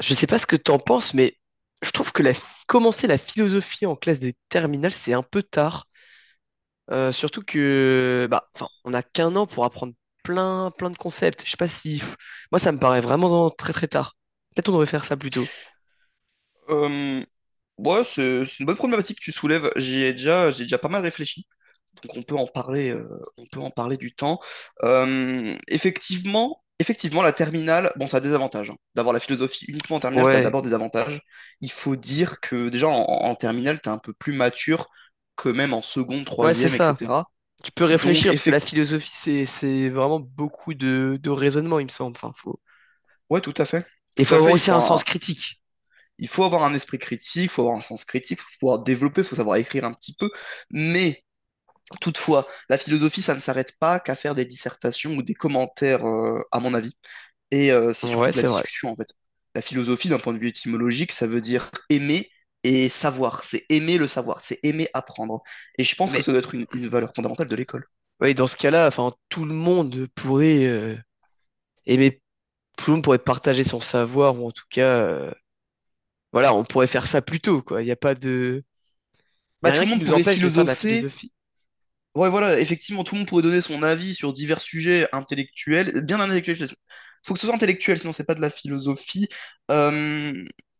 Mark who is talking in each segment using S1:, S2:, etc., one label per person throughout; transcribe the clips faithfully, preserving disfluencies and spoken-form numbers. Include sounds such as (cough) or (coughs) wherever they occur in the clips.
S1: Je sais pas ce que t'en penses, mais je trouve que la, commencer la philosophie en classe de terminale, c'est un peu tard. Euh, surtout que, bah, enfin, on n'a qu'un an pour apprendre plein, plein de concepts. Je sais pas si, pff, moi, ça me paraît vraiment dans- très, très tard. Peut-être on devrait faire ça plus tôt.
S2: Euh, ouais, c'est c'est une bonne problématique que tu soulèves. J'y ai déjà, j'ai déjà pas mal réfléchi. Donc on peut en parler, euh, on peut en parler du temps. Euh, effectivement, effectivement, la terminale, bon, ça a des avantages, hein. D'avoir la philosophie uniquement en terminale, ça a
S1: Ouais,
S2: d'abord des avantages. Il faut dire que déjà en, en terminale, t'es un peu plus mature que même en seconde,
S1: ouais, c'est
S2: troisième,
S1: ça.
S2: et cetera.
S1: Tu peux
S2: Donc
S1: réfléchir parce que la
S2: effectivement,
S1: philosophie, c'est, c'est vraiment beaucoup de, de raisonnement, il me semble. Enfin, faut,
S2: ouais, tout à fait,
S1: il
S2: tout
S1: faut
S2: à
S1: avoir
S2: fait. Il
S1: aussi
S2: faut
S1: un
S2: un,
S1: sens critique.
S2: il faut avoir un esprit critique, il faut avoir un sens critique, il faut pouvoir développer, il faut savoir écrire un petit peu, mais toutefois, la philosophie, ça ne s'arrête pas qu'à faire des dissertations ou des commentaires, euh, à mon avis. Et euh, c'est surtout
S1: Ouais,
S2: de la
S1: c'est vrai.
S2: discussion, en fait. La philosophie, d'un point de vue étymologique, ça veut dire aimer et savoir. C'est aimer le savoir, c'est aimer apprendre. Et je pense que
S1: Mais,
S2: ça doit être une, une valeur fondamentale de l'école.
S1: ouais, dans ce cas-là, enfin, tout le monde pourrait euh, aimer tout le monde pourrait partager son savoir ou en tout cas, euh, voilà, on pourrait faire ça plus tôt, quoi. Il n'y a pas de, il y
S2: Bah,
S1: a
S2: tout
S1: rien
S2: le
S1: qui
S2: monde
S1: nous
S2: pourrait
S1: empêche de faire de la
S2: philosopher.
S1: philosophie.
S2: Ouais, voilà, effectivement, tout le monde pourrait donner son avis sur divers sujets intellectuels, bien intellectuels. je- Faut que ce soit intellectuel, sinon c'est pas de la philosophie. Euh,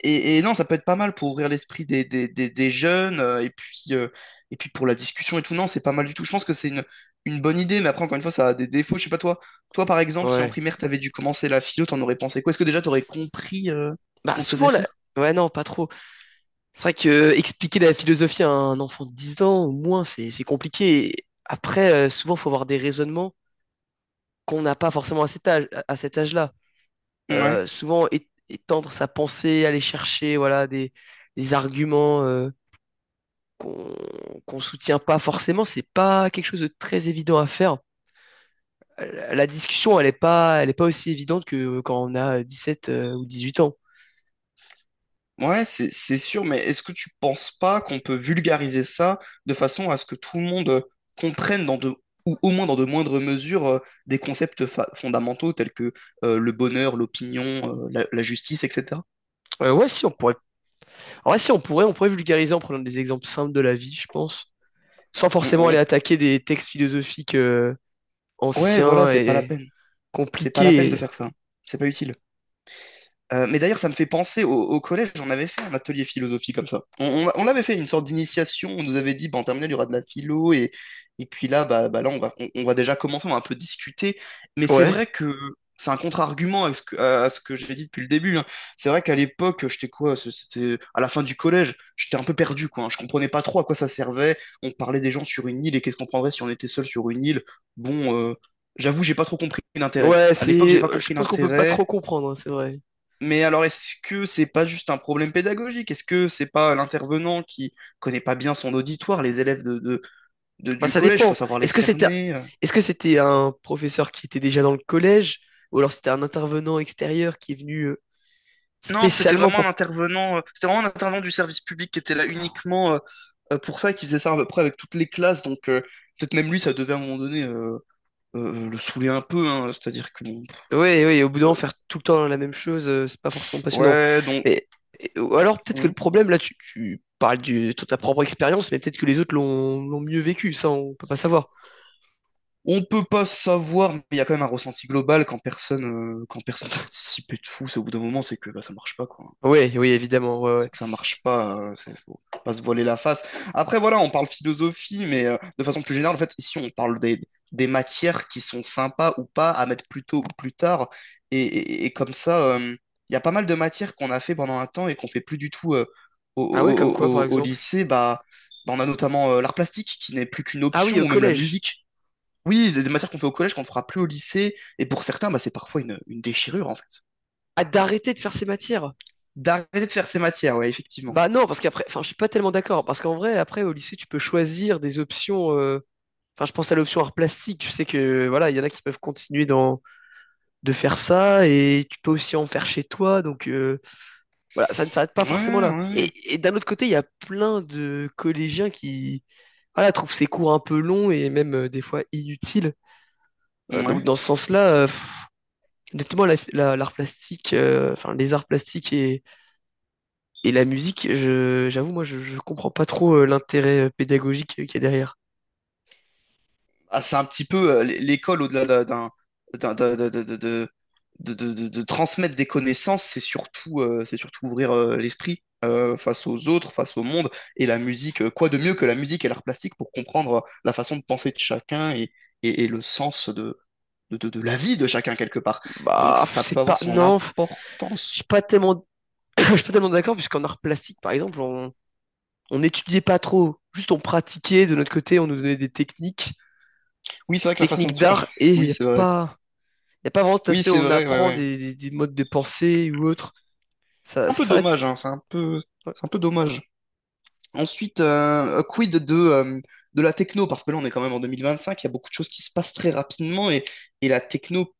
S2: et, et non, ça peut être pas mal pour ouvrir l'esprit des, des, des, des jeunes, euh, et puis, euh, et puis pour la discussion et tout. Non, c'est pas mal du tout. Je pense que c'est une, une bonne idée, mais après, encore une fois, ça a des défauts. Je sais pas, toi, toi par exemple, si en
S1: Ouais.
S2: primaire t'avais dû commencer la philo, t'en aurais pensé quoi? Est-ce que déjà t'aurais compris euh, ce
S1: Bah
S2: qu'on te faisait
S1: souvent la.
S2: faire?
S1: Ouais, non, pas trop. C'est vrai que euh, expliquer la philosophie à un enfant de dix ans, au moins, c'est c'est compliqué. Et après, euh, souvent, faut avoir des raisonnements qu'on n'a pas forcément à cet âge, à à cet âge-là.
S2: Ouais.
S1: Euh, souvent, é- étendre sa pensée, aller chercher, voilà, des, des arguments euh, qu'on qu'on soutient pas forcément, c'est pas quelque chose de très évident à faire. Euh, La discussion, elle est pas, elle est pas aussi évidente que quand on a dix-sept euh, ou dix huit ans.
S2: Ouais, c'est c'est sûr, mais est-ce que tu penses pas qu'on peut vulgariser ça de façon à ce que tout le monde euh, comprenne dans de, ou au moins dans de moindres mesures euh, des concepts fa- fondamentaux tels que euh, le bonheur, l'opinion, euh, la, la justice, et cetera.
S1: Euh, ouais, si on pourrait. En vrai, si on pourrait, on pourrait vulgariser en prenant des exemples simples de la vie, je pense. Sans
S2: On-
S1: forcément
S2: on-
S1: aller attaquer des textes philosophiques euh,
S2: Ouais, voilà,
S1: anciens
S2: c'est pas la
S1: et
S2: peine. C'est pas la peine de
S1: compliqués.
S2: faire ça. C'est pas utile. Euh, mais d'ailleurs, ça me fait penser au, au collège, on avait fait un atelier philosophie comme ça. On, on, on avait fait une sorte d'initiation, on nous avait dit, bah, en terminale, il y aura de la philo, et, et puis là, bah, bah là on va, on, on va déjà commencer, on va un peu discuter. Mais c'est
S1: Ouais.
S2: vrai que c'est un contre-argument à ce que, à ce que j'ai dit depuis le début, hein. C'est vrai qu'à l'époque, j'étais quoi, c- c'était à la fin du collège, j'étais un peu perdu, quoi, hein. Je comprenais pas trop à quoi ça servait. On parlait des gens sur une île, et qu'est-ce qu'on prendrait si on était seul sur une île? Bon, euh, j'avoue, j'ai pas trop compris l'intérêt.
S1: Ouais,
S2: À l'époque, j'ai
S1: c'est.
S2: pas
S1: Je
S2: compris
S1: pense qu'on peut pas
S2: l'intérêt.
S1: trop comprendre, hein, c'est vrai.
S2: Mais alors, est-ce que c'est pas juste un problème pédagogique? Est-ce que c'est pas l'intervenant qui connaît pas bien son auditoire, les élèves de, de- de-
S1: Bah,
S2: du
S1: ça
S2: collège, faut
S1: dépend.
S2: savoir les
S1: Est-ce que c'était,
S2: cerner. euh.
S1: est-ce que c'était un professeur qui était déjà dans le collège, ou alors c'était un intervenant extérieur qui est venu euh,
S2: Non, c'était
S1: spécialement
S2: vraiment un
S1: pour.
S2: intervenant, euh, c'était vraiment un intervenant du service public qui était là uniquement euh, euh, pour ça, qui faisait ça à peu près avec toutes les classes. Donc euh, peut-être même lui, ça devait à un moment donné euh, euh, euh, le saouler un peu, hein. C'est-à-dire que bon,
S1: Ouais, ouais. Au bout d'un moment,
S2: euh,
S1: faire tout le temps la même chose, euh, c'est pas forcément passionnant.
S2: ouais, donc
S1: Mais et- ou alors peut-être que le
S2: on
S1: problème là, tu, tu parles du- de ta propre expérience, mais peut-être que les autres l'ont l'ont mieux vécu. Ça, on peut pas savoir.
S2: on peut pas savoir, mais il y a quand même un ressenti global quand personne euh, quand personne participe et tout. C'est au bout d'un moment, c'est que bah, ça marche pas quoi.
S1: Oui, oui, évidemment. Ouais,
S2: C'est
S1: ouais.
S2: que ça marche pas, euh, c'est faut pas se voiler la face. Après, voilà, on parle philosophie, mais euh, de façon plus générale, en fait, ici, on parle des, des matières qui sont sympas ou pas à mettre plus tôt ou plus tard. Et, et- et comme ça, euh, il y a pas mal de matières qu'on a fait pendant un temps et qu'on fait plus du tout euh, au,
S1: Ah ouais, comme quoi,
S2: au-
S1: par
S2: au- au
S1: exemple?
S2: lycée. Bah, bah, on a notamment euh, l'art plastique qui n'est plus qu'une
S1: Ah oui,
S2: option,
S1: au
S2: ou même la
S1: collège.
S2: musique. Oui, des, des matières qu'on fait au collège qu'on ne fera plus au lycée. Et pour certains, bah, c'est parfois une, une déchirure, en fait.
S1: Ah, d'arrêter de faire ces matières.
S2: D'arrêter de faire ces matières, ouais, effectivement.
S1: Bah non, parce qu'après, enfin, je suis pas tellement d'accord. Parce qu'en vrai, après, au lycée, tu peux choisir des options. euh, Enfin, je pense à l'option art plastique. Je sais que, voilà, il y en a qui peuvent continuer dans, de faire ça. Et tu peux aussi en faire chez toi. Donc, euh, voilà, ça ne s'arrête pas
S2: Ouais,
S1: forcément là.
S2: ouais.
S1: Et, et d'un autre côté, il y a plein de collégiens qui, voilà, trouvent ces cours un peu longs et même euh, des fois inutiles. Euh, donc,
S2: Ouais.
S1: dans ce sens-là, euh, pff, honnêtement, la- la- l'art plastique, euh, enfin les arts plastiques et, et la musique, je, j'avoue, moi, je, je comprends pas trop euh, l'intérêt euh, pédagogique euh, qu'il y a derrière.
S2: Ah, c'est un petit peu euh, l'é- l'école au-delà d'un, d'un- d'un- d'un- de, de, de- de- de- de- de transmettre des connaissances, c'est surtout, euh, c'est surtout ouvrir euh, l'esprit euh, face aux autres, face au monde. Et la musique, euh, quoi de mieux que la musique et l'art plastique pour comprendre euh, la façon de penser de chacun et, et, et le sens de, de, de, de la vie de chacun quelque part. Donc
S1: Bah,
S2: ça peut
S1: c'est
S2: avoir
S1: pas,
S2: son
S1: non, je
S2: importance.
S1: suis pas tellement, (coughs) (clears throat) je suis pas tellement d'accord, puisqu'en art plastique, par exemple, on, on n'étudiait pas trop, juste on pratiquait de notre côté, on nous donnait des techniques,
S2: Oui, c'est vrai que la façon
S1: techniques
S2: de faire.
S1: d'art, et
S2: (laughs)
S1: il
S2: Oui,
S1: n'y a
S2: c'est vrai.
S1: pas, y a pas vraiment cet
S2: Oui,
S1: aspect où
S2: c'est
S1: on
S2: vrai, ouais,
S1: apprend
S2: ouais.
S1: des, des- des modes de pensée ou autre. Ça,
S2: C'est un
S1: ça
S2: peu
S1: s'arrête.
S2: dommage, hein, c'est un peu, c'est un peu dommage. Ensuite, euh, quid de, euh, de la techno, parce que là on est quand même en deux mille vingt-cinq, il y a beaucoup de choses qui se passent très rapidement et, et la techno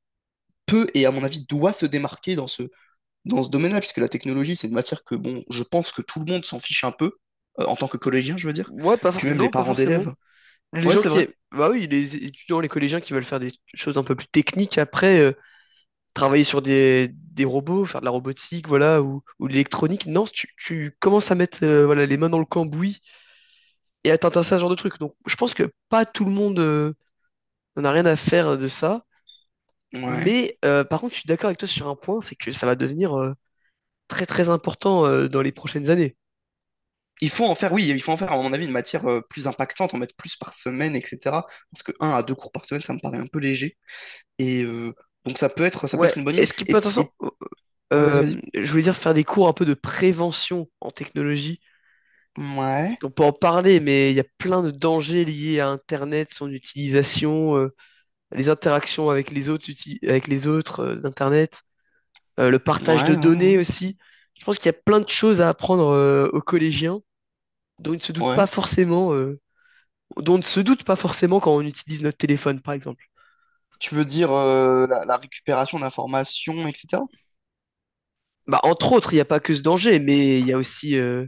S2: peut et à mon avis doit se démarquer dans ce, dans ce domaine-là, puisque la technologie c'est une matière que bon, je pense que tout le monde s'en fiche un peu, euh, en tant que collégien je veux dire,
S1: Ouais, pas
S2: puis
S1: for-
S2: même les
S1: non, pas
S2: parents
S1: forcément.
S2: d'élèves.
S1: Les
S2: Ouais,
S1: gens
S2: c'est
S1: qui
S2: vrai.
S1: aiment. Bah oui, les étudiants, les collégiens qui veulent faire des choses un peu plus techniques après, euh, travailler sur des, des robots, faire de la robotique, voilà, ou, ou de l'électronique. Non, tu, tu commences à mettre euh, voilà, les mains dans le cambouis et à t'intéresser à ce genre de truc. Donc je pense que pas tout le monde euh, n'en a rien à faire de ça.
S2: Ouais.
S1: Mais euh, par contre, je suis d'accord avec toi sur un point, c'est que ça va devenir euh, très très important euh, dans les prochaines années.
S2: Il faut en faire, oui, il faut en faire à mon avis une matière euh, plus impactante, en mettre plus par semaine, et cetera. Parce que un à deux cours par semaine, ça me paraît un peu léger. Et euh, donc ça peut être, ça peut
S1: Ouais,
S2: être une bonne
S1: et
S2: idée.
S1: ce qui peut
S2: Et,
S1: être
S2: et...
S1: intéressant,
S2: ouais, vas-y, vas-y.
S1: euh, je voulais dire faire des cours un peu de prévention en technologie.
S2: Ouais.
S1: On peut en parler, mais il y a plein de dangers liés à Internet, son utilisation, euh, les interactions avec les autres, uti- avec les autres euh, d'Internet, euh, le partage de
S2: Ouais,
S1: données
S2: ouais,
S1: aussi. Je pense qu'il y a plein de choses à apprendre euh, aux collégiens dont ils ne se
S2: ouais,
S1: doutent pas
S2: ouais.
S1: forcément, euh, dont on ne se doute pas forcément quand on utilise notre téléphone, par exemple.
S2: Tu veux dire euh, la, la récupération d'informations, et cetera.
S1: Bah, entre autres, il n'y a pas que ce danger, mais il y a aussi euh,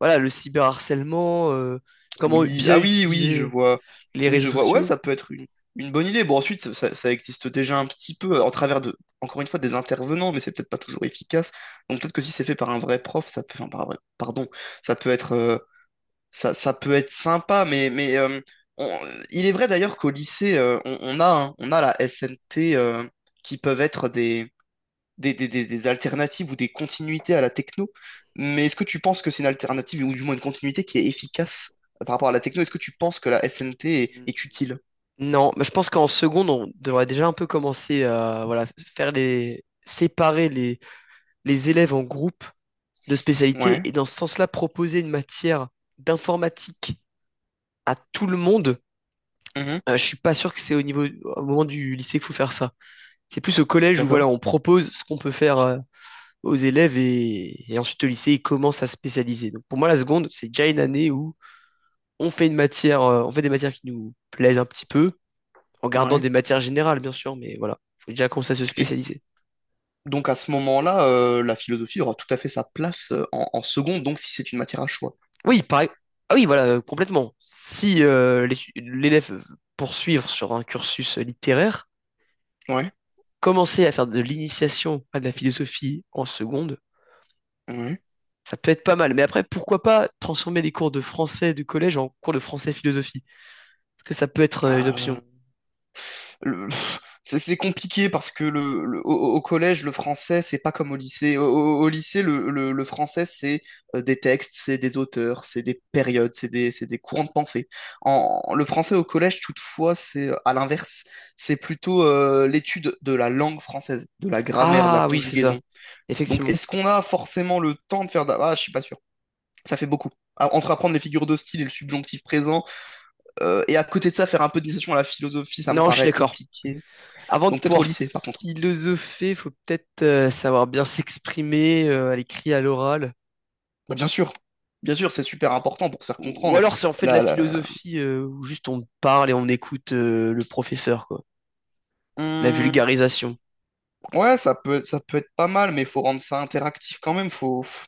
S1: voilà, le cyberharcèlement, euh, comment
S2: Oui,
S1: bien
S2: ah oui, oui, je
S1: utiliser
S2: vois.
S1: les
S2: Oui,
S1: réseaux
S2: je vois. Ouais,
S1: sociaux.
S2: ça peut être une, une bonne idée. Bon, ensuite, ça, ça- ça existe déjà un petit peu en travers de, encore une fois, des intervenants, mais c'est peut-être pas toujours efficace. Donc peut-être que si c'est fait par un vrai prof, ça peut, enfin, par un vrai- pardon, ça peut être, euh, ça, ça peut être sympa. Mais, mais euh, on- il est vrai d'ailleurs qu'au lycée, euh, on, on a, hein, on a la S N T euh, qui peuvent être des, des, des- des alternatives ou des continuités à la techno. Mais est-ce que tu penses que c'est une alternative ou du moins une continuité qui est efficace euh, par rapport à la techno? Est-ce que tu penses que la S N T est, est utile?
S1: Non, mais je pense qu'en seconde, on devrait déjà un peu commencer à voilà, faire les séparer les, les élèves en groupes de spécialité
S2: Ouais.
S1: et dans ce sens-là proposer une matière d'informatique à tout le monde.
S2: Mhm.
S1: Euh, je suis pas sûr que c'est au niveau au moment du lycée qu'il faut faire ça. C'est plus au collège où
S2: D'accord.
S1: voilà, on propose ce qu'on peut faire euh, aux élèves et, et ensuite au lycée, ils commencent à se spécialiser. Donc pour moi, la seconde, c'est déjà une année où on fait une matière, euh, on fait des matières qui nous plaisent un petit peu, en gardant
S2: Ouais.
S1: des matières générales, bien sûr, mais voilà, faut déjà commencer à se
S2: Et
S1: spécialiser.
S2: donc à ce moment-là, euh, la philosophie aura tout à fait sa place euh, en, en seconde, donc si c'est une matière à choix.
S1: Oui, pareil. Ah oui, voilà, euh, complètement. Si euh, l'étu- l'élève veut poursuivre sur un cursus littéraire,
S2: Ouais.
S1: commencer à faire de l'initiation à de la philosophie en seconde
S2: Ouais.
S1: ça peut être pas mal. Mais après, pourquoi pas transformer les cours de français du collège en cours de français philosophie? Est-ce que ça peut être euh, une option?
S2: Euh, le- (laughs) c'est c'est compliqué parce que le, le- au, au- collège, le français, c'est pas comme au lycée. Au, au- au lycée, le, le- le français, c'est euh, des textes, c'est des auteurs, c'est des périodes, c'est des, c'est des courants de pensée. En, le français au collège, toutefois, c'est euh, à l'inverse. C'est plutôt euh, l'étude de la langue française, de la grammaire, de la
S1: Ah oui, c'est ça.
S2: conjugaison. Donc,
S1: Effectivement.
S2: est-ce qu'on a forcément le temps de faire... d'a- Ah, je suis pas sûr. Ça fait beaucoup. Ah, entre apprendre les figures de style et le subjonctif présent, euh, et à côté de ça, faire un peu d'initiation à la philosophie, ça me
S1: Non, je suis
S2: paraît
S1: d'accord.
S2: compliqué.
S1: Avant de
S2: Donc peut-être au
S1: pouvoir
S2: lycée, par contre.
S1: philosopher, faut peut-être euh, savoir bien s'exprimer euh, à l'écrit, à l'oral.
S2: Bah, bien sûr. Bien sûr, c'est super important pour se faire
S1: Ou
S2: comprendre.
S1: alors, c'est en fait de
S2: La,
S1: la
S2: la-
S1: philosophie, euh, où juste on parle et on écoute euh, le professeur, quoi. La
S2: Hum.
S1: vulgarisation.
S2: Ouais, ça peut, ça peut être pas mal, mais il faut rendre ça interactif quand même. Faut... pff,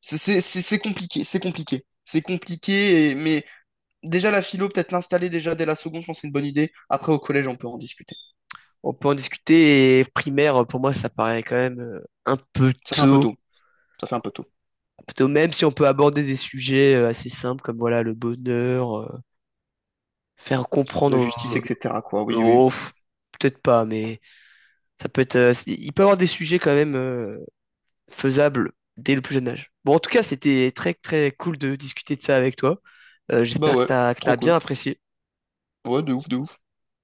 S2: C'est c'est- c'est- c'est compliqué, c'est compliqué. C'est compliqué, et- mais déjà la philo, peut-être l'installer déjà dès la seconde, je pense que c'est une bonne idée. Après, au collège, on peut en discuter.
S1: On peut en discuter et primaire, pour moi, ça paraît quand même euh, un peu
S2: Ça fait un peu
S1: tôt.
S2: tôt. Ça fait un peu tôt.
S1: Un peu tôt, même si on peut aborder des sujets euh, assez simples comme voilà le bonheur, euh, faire
S2: La
S1: comprendre
S2: justice, et cetera quoi.
S1: aux.
S2: Oui, oui,
S1: Aux-
S2: oui.
S1: pff, peut-être pas, mais ça peut être. Euh, il peut y avoir des sujets quand même euh, faisable dès le plus jeune âge. Bon, en tout cas, c'était très, très cool de discuter de ça avec toi. Euh,
S2: Bah
S1: j'espère que
S2: ouais,
S1: t'as, que
S2: trop
S1: t'as bien
S2: cool.
S1: apprécié.
S2: Ouais, de ouf, de ouf.